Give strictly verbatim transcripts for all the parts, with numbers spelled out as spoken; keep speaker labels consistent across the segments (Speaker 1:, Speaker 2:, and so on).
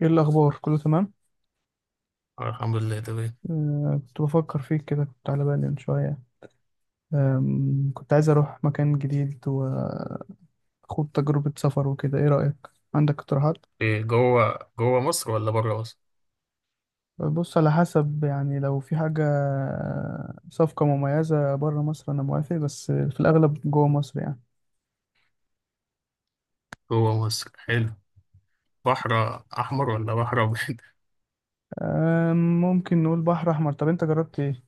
Speaker 1: ايه الاخبار؟ كله تمام؟
Speaker 2: آه، الحمد لله تمام.
Speaker 1: آه، كنت بفكر فيك كده، كنت على بالي من شويه. آم، كنت عايز اروح مكان جديد واخد تجربه سفر وكده. ايه رايك؟ عندك اقتراحات؟
Speaker 2: إيه جوه جوه مصر ولا بره مصر؟
Speaker 1: بص، على حسب يعني، لو في حاجه صفقه مميزه بره مصر انا موافق، بس في الاغلب جوه مصر يعني.
Speaker 2: جوه مصر حلو. بحر أحمر ولا بحر أبيض؟
Speaker 1: آم، ممكن نقول بحر احمر. طب انت جربت ايه؟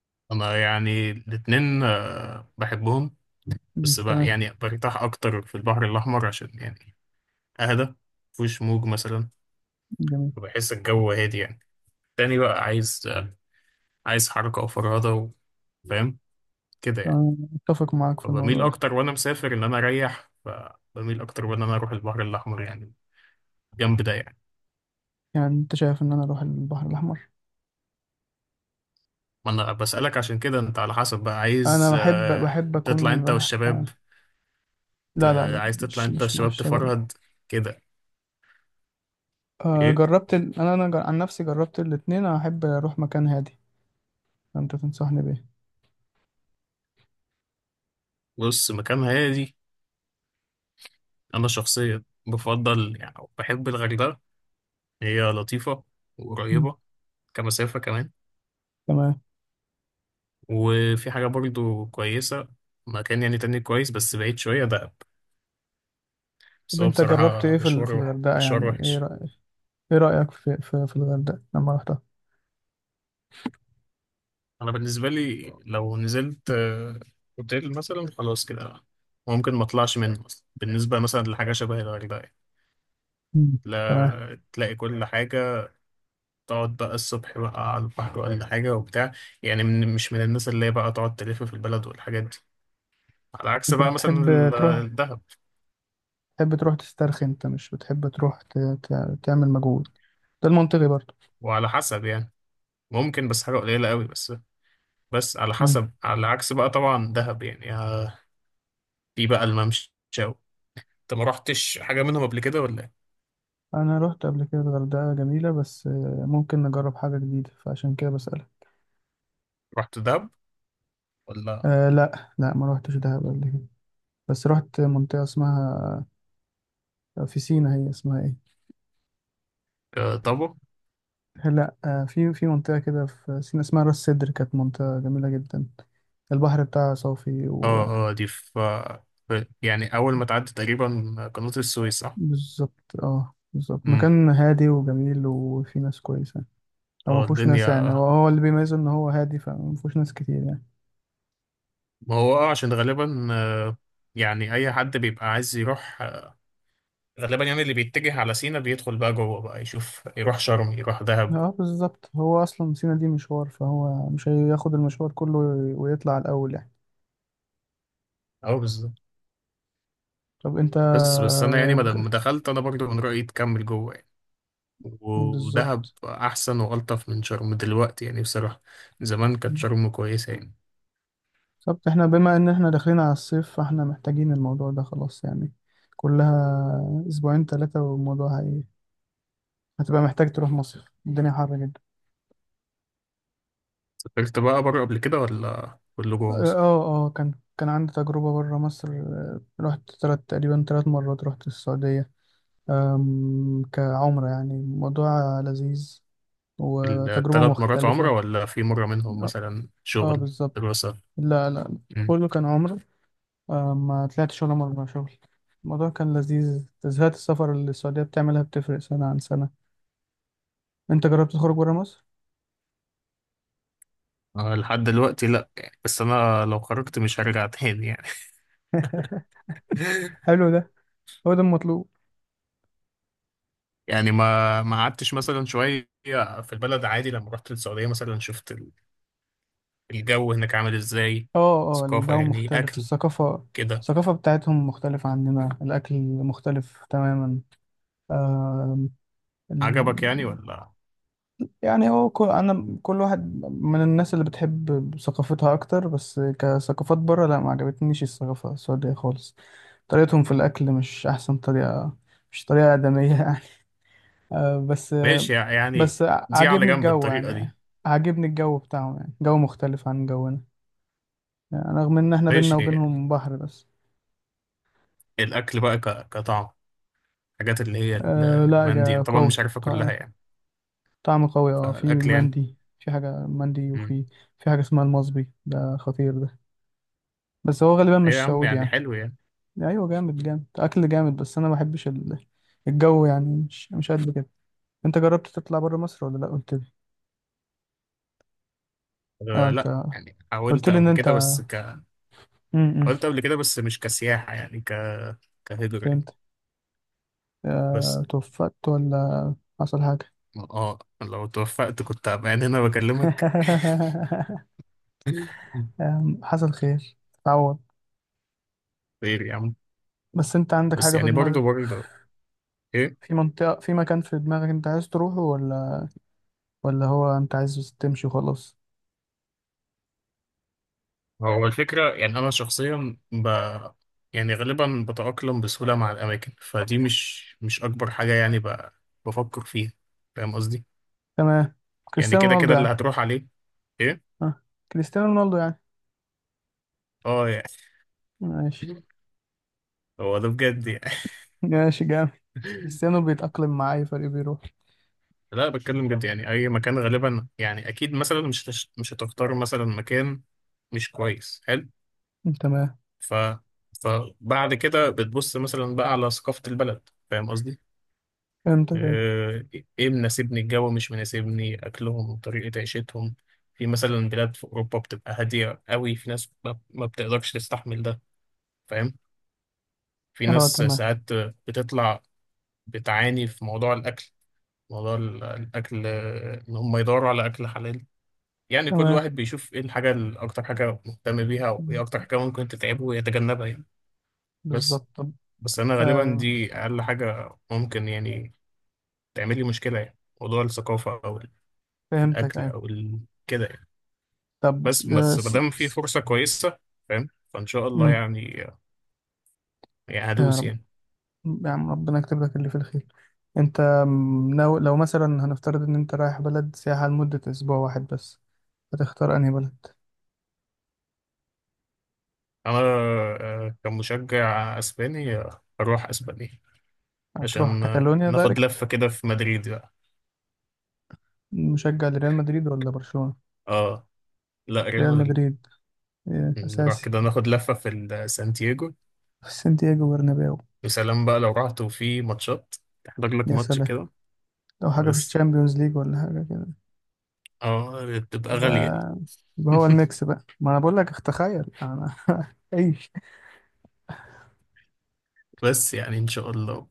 Speaker 2: أنا يعني الاتنين آه، بحبهم.
Speaker 1: مم،
Speaker 2: بس بقى
Speaker 1: تمام.
Speaker 2: يعني برتاح أكتر في البحر الأحمر عشان يعني أهدى، مفيهوش موج مثلا،
Speaker 1: جميل.
Speaker 2: فبحس الجو هادي يعني. تاني بقى عايز آه، عايز حركة وفرهدة و- فاهم كده يعني.
Speaker 1: أنا اتفق معاك في الموضوع
Speaker 2: فبميل
Speaker 1: ده.
Speaker 2: أكتر وأنا مسافر إن أنا أريح، فبميل أكتر وإن أنا أروح البحر الأحمر يعني، جنب ده يعني.
Speaker 1: يعني انت شايف ان انا اروح البحر الاحمر؟
Speaker 2: ما انا بسألك عشان كده انت على حسب بقى
Speaker 1: انا
Speaker 2: عايز
Speaker 1: بحب
Speaker 2: آه،
Speaker 1: بحب
Speaker 2: تطلع
Speaker 1: اكون
Speaker 2: انت
Speaker 1: رايح.
Speaker 2: والشباب.
Speaker 1: لا، لا،
Speaker 2: ت-
Speaker 1: لا،
Speaker 2: عايز تطلع
Speaker 1: مش
Speaker 2: انت
Speaker 1: مش مع
Speaker 2: والشباب
Speaker 1: الشباب.
Speaker 2: تفرهد كده.
Speaker 1: آه،
Speaker 2: ايه.
Speaker 1: جربت ال... انا انا جر... عن نفسي جربت الاتنين. انا احب اروح مكان هادي. فانت تنصحني بايه؟
Speaker 2: بص، مكان هادي. انا شخصيا بفضل يعني بحب الغردقة، هي لطيفة
Speaker 1: مم.
Speaker 2: وقريبة كمسافة كمان.
Speaker 1: تمام.
Speaker 2: وفي حاجة برضو كويسة، مكان يعني تاني كويس بس بعيد شوية، دهب، بس
Speaker 1: طب
Speaker 2: هو
Speaker 1: انت جربت
Speaker 2: بصراحة
Speaker 1: ايه في ال... في
Speaker 2: مشوار
Speaker 1: الغردقه
Speaker 2: مشوار
Speaker 1: يعني؟ ايه
Speaker 2: وحش.
Speaker 1: رأيك؟ ايه رأيك في في, في الغردقه لما رحتها؟
Speaker 2: انا بالنسبه لي لو نزلت آه، اوتيل مثلا، خلاص كده ممكن ما اطلعش منه اصلا، بالنسبه مثلا لحاجه شبه الغردقه يعني.
Speaker 1: مم. تمام.
Speaker 2: لا، تلاقي كل حاجه، تقعد بقى الصبح بقى على البحر ولا حاجه وبتاع. يعني من مش من الناس اللي هي بقى تقعد تلف في البلد والحاجات دي، على عكس
Speaker 1: انت
Speaker 2: بقى مثلا
Speaker 1: بتحب
Speaker 2: ال-
Speaker 1: تروح،
Speaker 2: الدهب.
Speaker 1: تحب تروح تسترخي، انت مش بتحب تروح ت... ت... تعمل مجهود؟ ده المنطقي برضه.
Speaker 2: وعلى حسب يعني، ممكن بس حاجه قليله قوي بس. بس على
Speaker 1: مم.
Speaker 2: حسب، على عكس بقى طبعا دهب يعني آه، في بقى الممشى. انت ما رحتش حاجه منهم قبل كده ولا إيه؟
Speaker 1: انا رحت قبل كده الغردقه جميله، بس آه، ممكن نجرب حاجه جديده فعشان كده بسألك.
Speaker 2: رحت دهب ولا؟
Speaker 1: آه، لا، لا، ما روحتش دهب قبل كده. بس رحت منطقة اسمها في سينا، هي اسمها ايه؟
Speaker 2: آه، طب.
Speaker 1: لا، آه، في في منطقة كده في سينا اسمها راس سدر. كانت منطقة جميلة جدا. البحر بتاعها صافي.
Speaker 2: اه، اه، دي في في- يعني أول ما تعدي تقريبا قناة السويس، صح؟
Speaker 1: وبالظبط، اه، بالظبط،
Speaker 2: امم.
Speaker 1: مكان هادي وجميل وفي ناس كويسة. او
Speaker 2: اه،
Speaker 1: مفهوش ناس يعني، هو
Speaker 2: الدنيا،
Speaker 1: هو اللي بيميزه ان هو هادي، فمفهوش ناس كتير يعني.
Speaker 2: ما هو اه عشان غالبا آه، يعني أي حد بيبقى عايز يروح آه، غالبا يعني اللي بيتجه على سينا بيدخل بقى جوه، بقى يشوف، يروح شرم يروح دهب.
Speaker 1: اه، بالظبط، هو اصلا سينا دي مشوار، فهو مش هياخد المشوار كله ويطلع الاول يعني.
Speaker 2: اه بالظبط.
Speaker 1: طب انت
Speaker 2: بس بس أنا يعني ما دام
Speaker 1: ج-
Speaker 2: دخلت أنا برضو من رأيي تكمل جوه يعني. ودهب
Speaker 1: بالظبط.
Speaker 2: أحسن وألطف من شرم دلوقتي يعني، بصراحة. زمان كانت شرم كويسة يعني.
Speaker 1: طب احنا بما ان احنا داخلين على الصيف، فاحنا محتاجين الموضوع ده خلاص يعني. كلها اسبوعين ثلاثة، والموضوع هي... هتبقى محتاج تروح مصيف. الدنيا حر جدا.
Speaker 2: سافرت بقى بره قبل كده ولا كله
Speaker 1: اه،
Speaker 2: جوه مصر؟
Speaker 1: اه، آه، كان كان عندي تجربة بره مصر. آه، رحت تلات تقريبا تلات مرات رحت السعودية. آم، كعمرة يعني، موضوع لذيذ وتجربة
Speaker 2: الثلاث مرات عمرة
Speaker 1: مختلفة.
Speaker 2: ولا في مرة منهم
Speaker 1: اه.
Speaker 2: مثلا
Speaker 1: آه،
Speaker 2: شغل؟
Speaker 1: بالظبط.
Speaker 2: دراسة؟
Speaker 1: لا، لا،
Speaker 2: مم.
Speaker 1: كله كان عمرة. آه، ما طلعتش ولا مرة شغل. الموضوع كان لذيذ. تزهقت السفر اللي السعودية بتعملها بتفرق سنة عن سنة. انت جربت تخرج برا مصر؟
Speaker 2: أنا لحد دلوقتي لأ يعني، بس أنا لو خرجت مش هرجع تاني يعني.
Speaker 1: حلو ده. هو ده المطلوب.
Speaker 2: يعني ما ما قعدتش مثلا شوية في البلد عادي لما رحت السعودية مثلا، شفت ال- الجو هناك عامل إزاي،
Speaker 1: اه، اه،
Speaker 2: ثقافة
Speaker 1: الجو
Speaker 2: يعني،
Speaker 1: مختلف،
Speaker 2: أكل
Speaker 1: الثقافة.
Speaker 2: كده.
Speaker 1: الثقافة بتاعتهم مختلفة عننا. الأكل مختلف تماما. آم، ال...
Speaker 2: عجبك يعني ولا؟
Speaker 1: يعني هو كل... أنا، كل واحد من الناس اللي بتحب ثقافتها أكتر، بس كثقافات برا لا، ما عجبتنيش الثقافة السعودية خالص. طريقتهم في الأكل مش أحسن طريقة. مش طريقة آدمية. آه، بس آه،
Speaker 2: ماشي يعني.
Speaker 1: بس
Speaker 2: دي على
Speaker 1: عاجبني
Speaker 2: جنب،
Speaker 1: الجو
Speaker 2: الطريقة دي.
Speaker 1: يعني. عاجبني الجو بتاعهم يعني، جو مختلف عن جونا. يعني رغم ان احنا بينا
Speaker 2: ماشي.
Speaker 1: وبينهم بحر بس.
Speaker 2: الأكل بقى ك- كطعم، الحاجات اللي هي ال-
Speaker 1: أه، لا،
Speaker 2: المندي،
Speaker 1: جا-
Speaker 2: أنا طبعا مش
Speaker 1: قوي،
Speaker 2: عارفها
Speaker 1: طع-
Speaker 2: كلها يعني.
Speaker 1: طعم قوي. اه، في
Speaker 2: فالأكل يعني.
Speaker 1: مندي، في حاجة مندي، وفي في حاجة اسمها المصبي ده، خطير ده. بس هو غالبا
Speaker 2: ايوه يا
Speaker 1: مش
Speaker 2: عم،
Speaker 1: سعودي
Speaker 2: يعني
Speaker 1: يعني.
Speaker 2: حلو يعني.
Speaker 1: ايوه، جامد جامد، اكل جامد، بس انا ما بحبش ال- الجو يعني، مش مش قد كده. انت جربت تطلع بره مصر، ولا لا؟ قلت لي. اه،
Speaker 2: آه،
Speaker 1: انت
Speaker 2: لا يعني
Speaker 1: قلت
Speaker 2: حاولت
Speaker 1: لي ان
Speaker 2: قبل
Speaker 1: انت
Speaker 2: كده بس ك
Speaker 1: امم
Speaker 2: حاولت قبل كده بس مش كسياحة يعني ك كهجرة يعني.
Speaker 1: آه،
Speaker 2: بس.
Speaker 1: توفقت ولا حصل حاجة؟
Speaker 2: اه لو توفقت كنت هبقى يعني هنا بكلمك.
Speaker 1: آم، حصل خير، تعوض.
Speaker 2: خير يا عم.
Speaker 1: بس انت عندك
Speaker 2: بس
Speaker 1: حاجة في
Speaker 2: يعني
Speaker 1: دماغك؟
Speaker 2: برضه برضه ايه؟
Speaker 1: في منطقة، في مكان في دماغك انت عايز تروحه، ولا ولا هو انت عايز تمشي وخلاص؟
Speaker 2: هو الفكرة يعني انا شخصيا ب يعني غالبا بتأقلم بسهولة مع الأماكن، فدي مش مش أكبر حاجة يعني ب... بفكر فيها. فاهم قصدي؟
Speaker 1: تمام.
Speaker 2: يعني
Speaker 1: كريستيانو
Speaker 2: كده
Speaker 1: رونالدو
Speaker 2: كده اللي
Speaker 1: يعني؟
Speaker 2: هتروح عليه. ايه؟
Speaker 1: اه، كريستيانو رونالدو يعني.
Speaker 2: اه يعني.
Speaker 1: ماشي.
Speaker 2: هو ده بجد يعني.
Speaker 1: ماشي، جامد. كريستيانو بيتأقلم مع أي فريق بيروح.
Speaker 2: لا بتكلم جد، يعني اي مكان غالبا يعني، اكيد مثلا مش هتش- مش هتختار مثلا مكان مش كويس حلو.
Speaker 1: تمام،
Speaker 2: ف فبعد كده بتبص مثلا بقى على ثقافة البلد، فاهم قصدي؟
Speaker 1: فهمتك، أيوة.
Speaker 2: آه، ايه مناسبني الجو، مش مناسبني اكلهم طريقة عيشتهم. في مثلا بلاد في اوروبا بتبقى هادية قوي، في ناس ما ما بتقدرش تستحمل ده، فاهم؟ في
Speaker 1: اه،
Speaker 2: ناس
Speaker 1: تمام.
Speaker 2: ساعات بتطلع بتعاني في موضوع الاكل، موضوع ال- الاكل آه، ان هم يدوروا على اكل حلال. يعني كل
Speaker 1: تمام،
Speaker 2: واحد بيشوف ايه الحاجة ال- اكتر حاجة مهتم بيها، وايه اكتر حاجة ممكن تتعبه ويتجنبها يعني. بس
Speaker 1: بالظبط. طب.
Speaker 2: بس انا غالبا
Speaker 1: آه
Speaker 2: دي اقل حاجة ممكن يعني تعمل لي مشكلة، يعني موضوع الثقافة او
Speaker 1: فهمتك،
Speaker 2: الاكل
Speaker 1: أيوة.
Speaker 2: او ال... كده يعني.
Speaker 1: طب.
Speaker 2: بس
Speaker 1: آه
Speaker 2: بس ما
Speaker 1: سي...
Speaker 2: دام في
Speaker 1: سي...
Speaker 2: فرصة كويسة فاهم، فان شاء الله
Speaker 1: مم.
Speaker 2: يعني، يعني هدوس
Speaker 1: آه،
Speaker 2: يعني.
Speaker 1: يا عم، ربنا يكتب لك اللي في الخير. انت م- لو لو مثلا هنفترض ان انت رايح بلد سياحة لمدة اسبوع واحد بس، هتختار انهي بلد؟
Speaker 2: انا آه، كمشجع اسباني آه، هروح اسبانيا،
Speaker 1: هتروح
Speaker 2: عشان آه،
Speaker 1: كاتالونيا
Speaker 2: ناخد
Speaker 1: دايركت؟
Speaker 2: لفة كده في مدريد بقى.
Speaker 1: مشجع لريال مدريد ولا برشلونة؟
Speaker 2: اه، لا، ريال
Speaker 1: ريال
Speaker 2: مدريد.
Speaker 1: مدريد. إيه،
Speaker 2: نروح
Speaker 1: اساسي.
Speaker 2: كده ناخد لفة في ال- سانتياغو،
Speaker 1: في سانتياغو برنابيو.
Speaker 2: وسلام بقى. لو رحت وفي ماتشات، تحضر لك
Speaker 1: يا
Speaker 2: ماتش
Speaker 1: سلام.
Speaker 2: كده.
Speaker 1: لو حاجة في
Speaker 2: بس
Speaker 1: الشامبيونز ليج ولا حاجة كده؟
Speaker 2: اه بتبقى غالية دي.
Speaker 1: يبقى يبقى هو الميكس بقى، ما انا بقول لك. تخيل انا! ايش؟
Speaker 2: بس يعني ان شاء الله.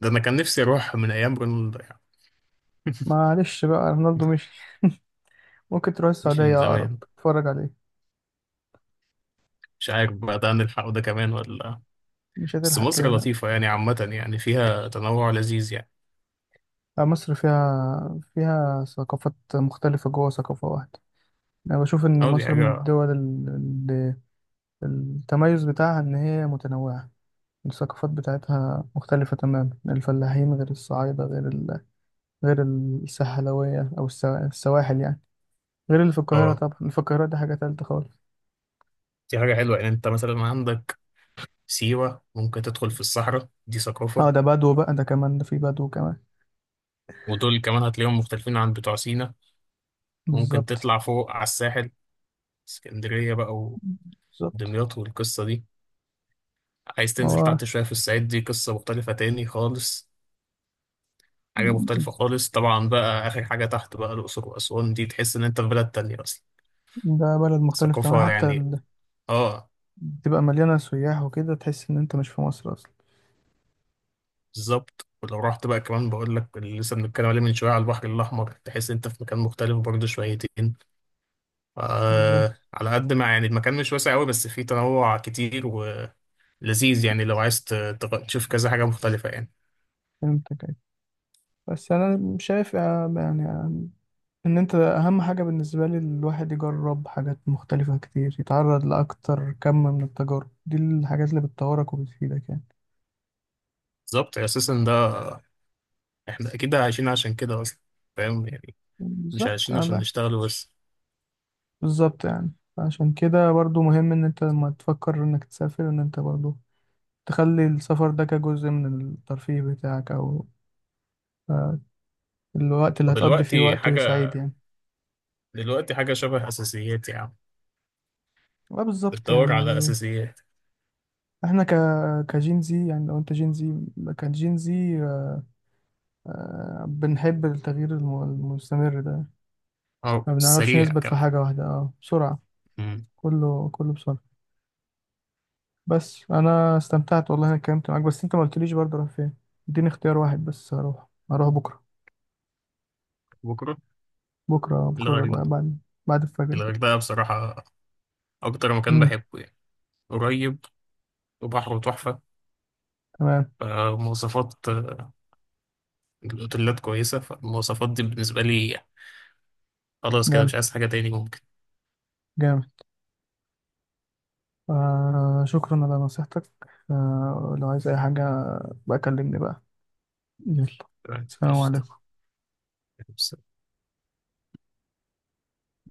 Speaker 2: ده انا كان نفسي اروح من ايام رونالدو يعني،
Speaker 1: معلش بقى رونالدو مشي. ممكن تروح
Speaker 2: مش من
Speaker 1: السعودية اقرب
Speaker 2: زمان.
Speaker 1: تتفرج عليه.
Speaker 2: مش عارف بقى ده هنلحقه ده كمان ولا لأ.
Speaker 1: مش
Speaker 2: بس
Speaker 1: هتلحق كده
Speaker 2: مصر
Speaker 1: بقى.
Speaker 2: لطيفة يعني عامة، يعني فيها تنوع لذيذ يعني.
Speaker 1: لا، مصر فيها فيها ثقافات مختلفة جوه ثقافة واحدة. أنا بشوف إن
Speaker 2: اه دي
Speaker 1: مصر من
Speaker 2: حاجة.
Speaker 1: الدول اللي التميز بتاعها إن هي متنوعة. الثقافات بتاعتها مختلفة تماما. الفلاحين غير الصعايدة غير ال... غير الساحلوية أو السوا- السواحل يعني. غير اللي في القاهرة
Speaker 2: اه
Speaker 1: طبعا، اللي في القاهرة دي حاجة تالتة خالص.
Speaker 2: دي حاجة حلوة يعني، انت مثلا عندك سيوة، ممكن تدخل في الصحراء، دي
Speaker 1: اه،
Speaker 2: ثقافة.
Speaker 1: ده بدو بقى ده كمان، ده في بدو كمان.
Speaker 2: ودول كمان هتلاقيهم مختلفين عن بتوع سينا. ممكن
Speaker 1: بالظبط.
Speaker 2: تطلع فوق على الساحل، اسكندرية بقى
Speaker 1: بالظبط،
Speaker 2: ودمياط والقصة دي. عايز تنزل
Speaker 1: هو
Speaker 2: تحت شوية في الصعيد، دي قصة مختلفة تاني خالص، حاجة مختلفة خالص. طبعا بقى آخر حاجة تحت بقى الأقصر وأسوان، دي تحس إن أنت في بلد تانية أصلا،
Speaker 1: ده بلد مختلف تماما
Speaker 2: الثقافة
Speaker 1: حتى
Speaker 2: يعني
Speaker 1: ال...
Speaker 2: آه
Speaker 1: تبقى مليانة سياح وكده تحس إن أنت مش في مصر أصلا.
Speaker 2: بالظبط. ولو رحت بقى كمان بقول لك اللي لسه بنتكلم عليه من شوية على البحر الأحمر، تحس أنت في مكان مختلف برضه شويتين.
Speaker 1: بالظبط.
Speaker 2: آه على قد ما يعني المكان مش واسع أوي، بس فيه تنوع كتير ولذيذ. يعني لو عايز ت- تغ- تشوف كذا حاجة مختلفة يعني.
Speaker 1: فهمتك أيوة. بس انا شايف آه، يعني آه، ان انت، اهم حاجه بالنسبه لي، الواحد يجرب حاجات مختلفه كتير، يتعرض لاكتر كم من التجارب، دي الحاجات اللي بتطورك وبتفيدك يعني.
Speaker 2: بالظبط، أساسا ده احنا اكيد عايشين عشان كده اصلا، فاهم يعني، مش
Speaker 1: بالظبط.
Speaker 2: عايشين
Speaker 1: آه،
Speaker 2: عشان
Speaker 1: بقى-
Speaker 2: نشتغل بس.
Speaker 1: بالظبط يعني. عشان كده برضو مهم ان انت لما تفكر انك تسافر ان انت برضو تخلي السفر ده كجزء من الترفيه بتاعك، او آه، الوقت اللي هتقضي فيه
Speaker 2: ودلوقتي
Speaker 1: وقت
Speaker 2: حاجة
Speaker 1: سعيد يعني.
Speaker 2: دلوقتي حاجة شبه اساسيات يا عم،
Speaker 1: آه، بالظبط
Speaker 2: بتدور
Speaker 1: يعني.
Speaker 2: على اساسيات.
Speaker 1: احنا ك كجين زي يعني، لو انت جين زي كجين زي، آه، بنحب التغيير الم- المستمر ده.
Speaker 2: اه
Speaker 1: ما بنعرفش
Speaker 2: سريع
Speaker 1: نثبت في
Speaker 2: كمان.
Speaker 1: حاجة واحدة، اه بسرعة.
Speaker 2: مم.
Speaker 1: كله كله بسرعة. بس انا استمتعت والله. انا اتكلمت معاك بس انت ما قلتليش، برضه رايح فين؟ اديني اختيار واحد بس. هروح هروح بكرة.
Speaker 2: بكرة؟
Speaker 1: بكرة، بكرة ده بقى
Speaker 2: الغردقة.
Speaker 1: بعد بعد الفجر كده.
Speaker 2: الغردقة بصراحة اكتر مكان
Speaker 1: امم
Speaker 2: بحبه يعني، قريب وبحره تحفة،
Speaker 1: تمام.
Speaker 2: فمواصفات الاوتيلات كويسة، فالمواصفات دي بالنسبة لي خلاص كده،
Speaker 1: جامد.
Speaker 2: مش عايز حاجة تاني ممكن.
Speaker 1: جامد. آه شكرا على نصيحتك. آه لو عايز اي حاجة بقى، كلمني بقى. يلا.
Speaker 2: تمام،
Speaker 1: سلام
Speaker 2: قشطة.
Speaker 1: عليكم.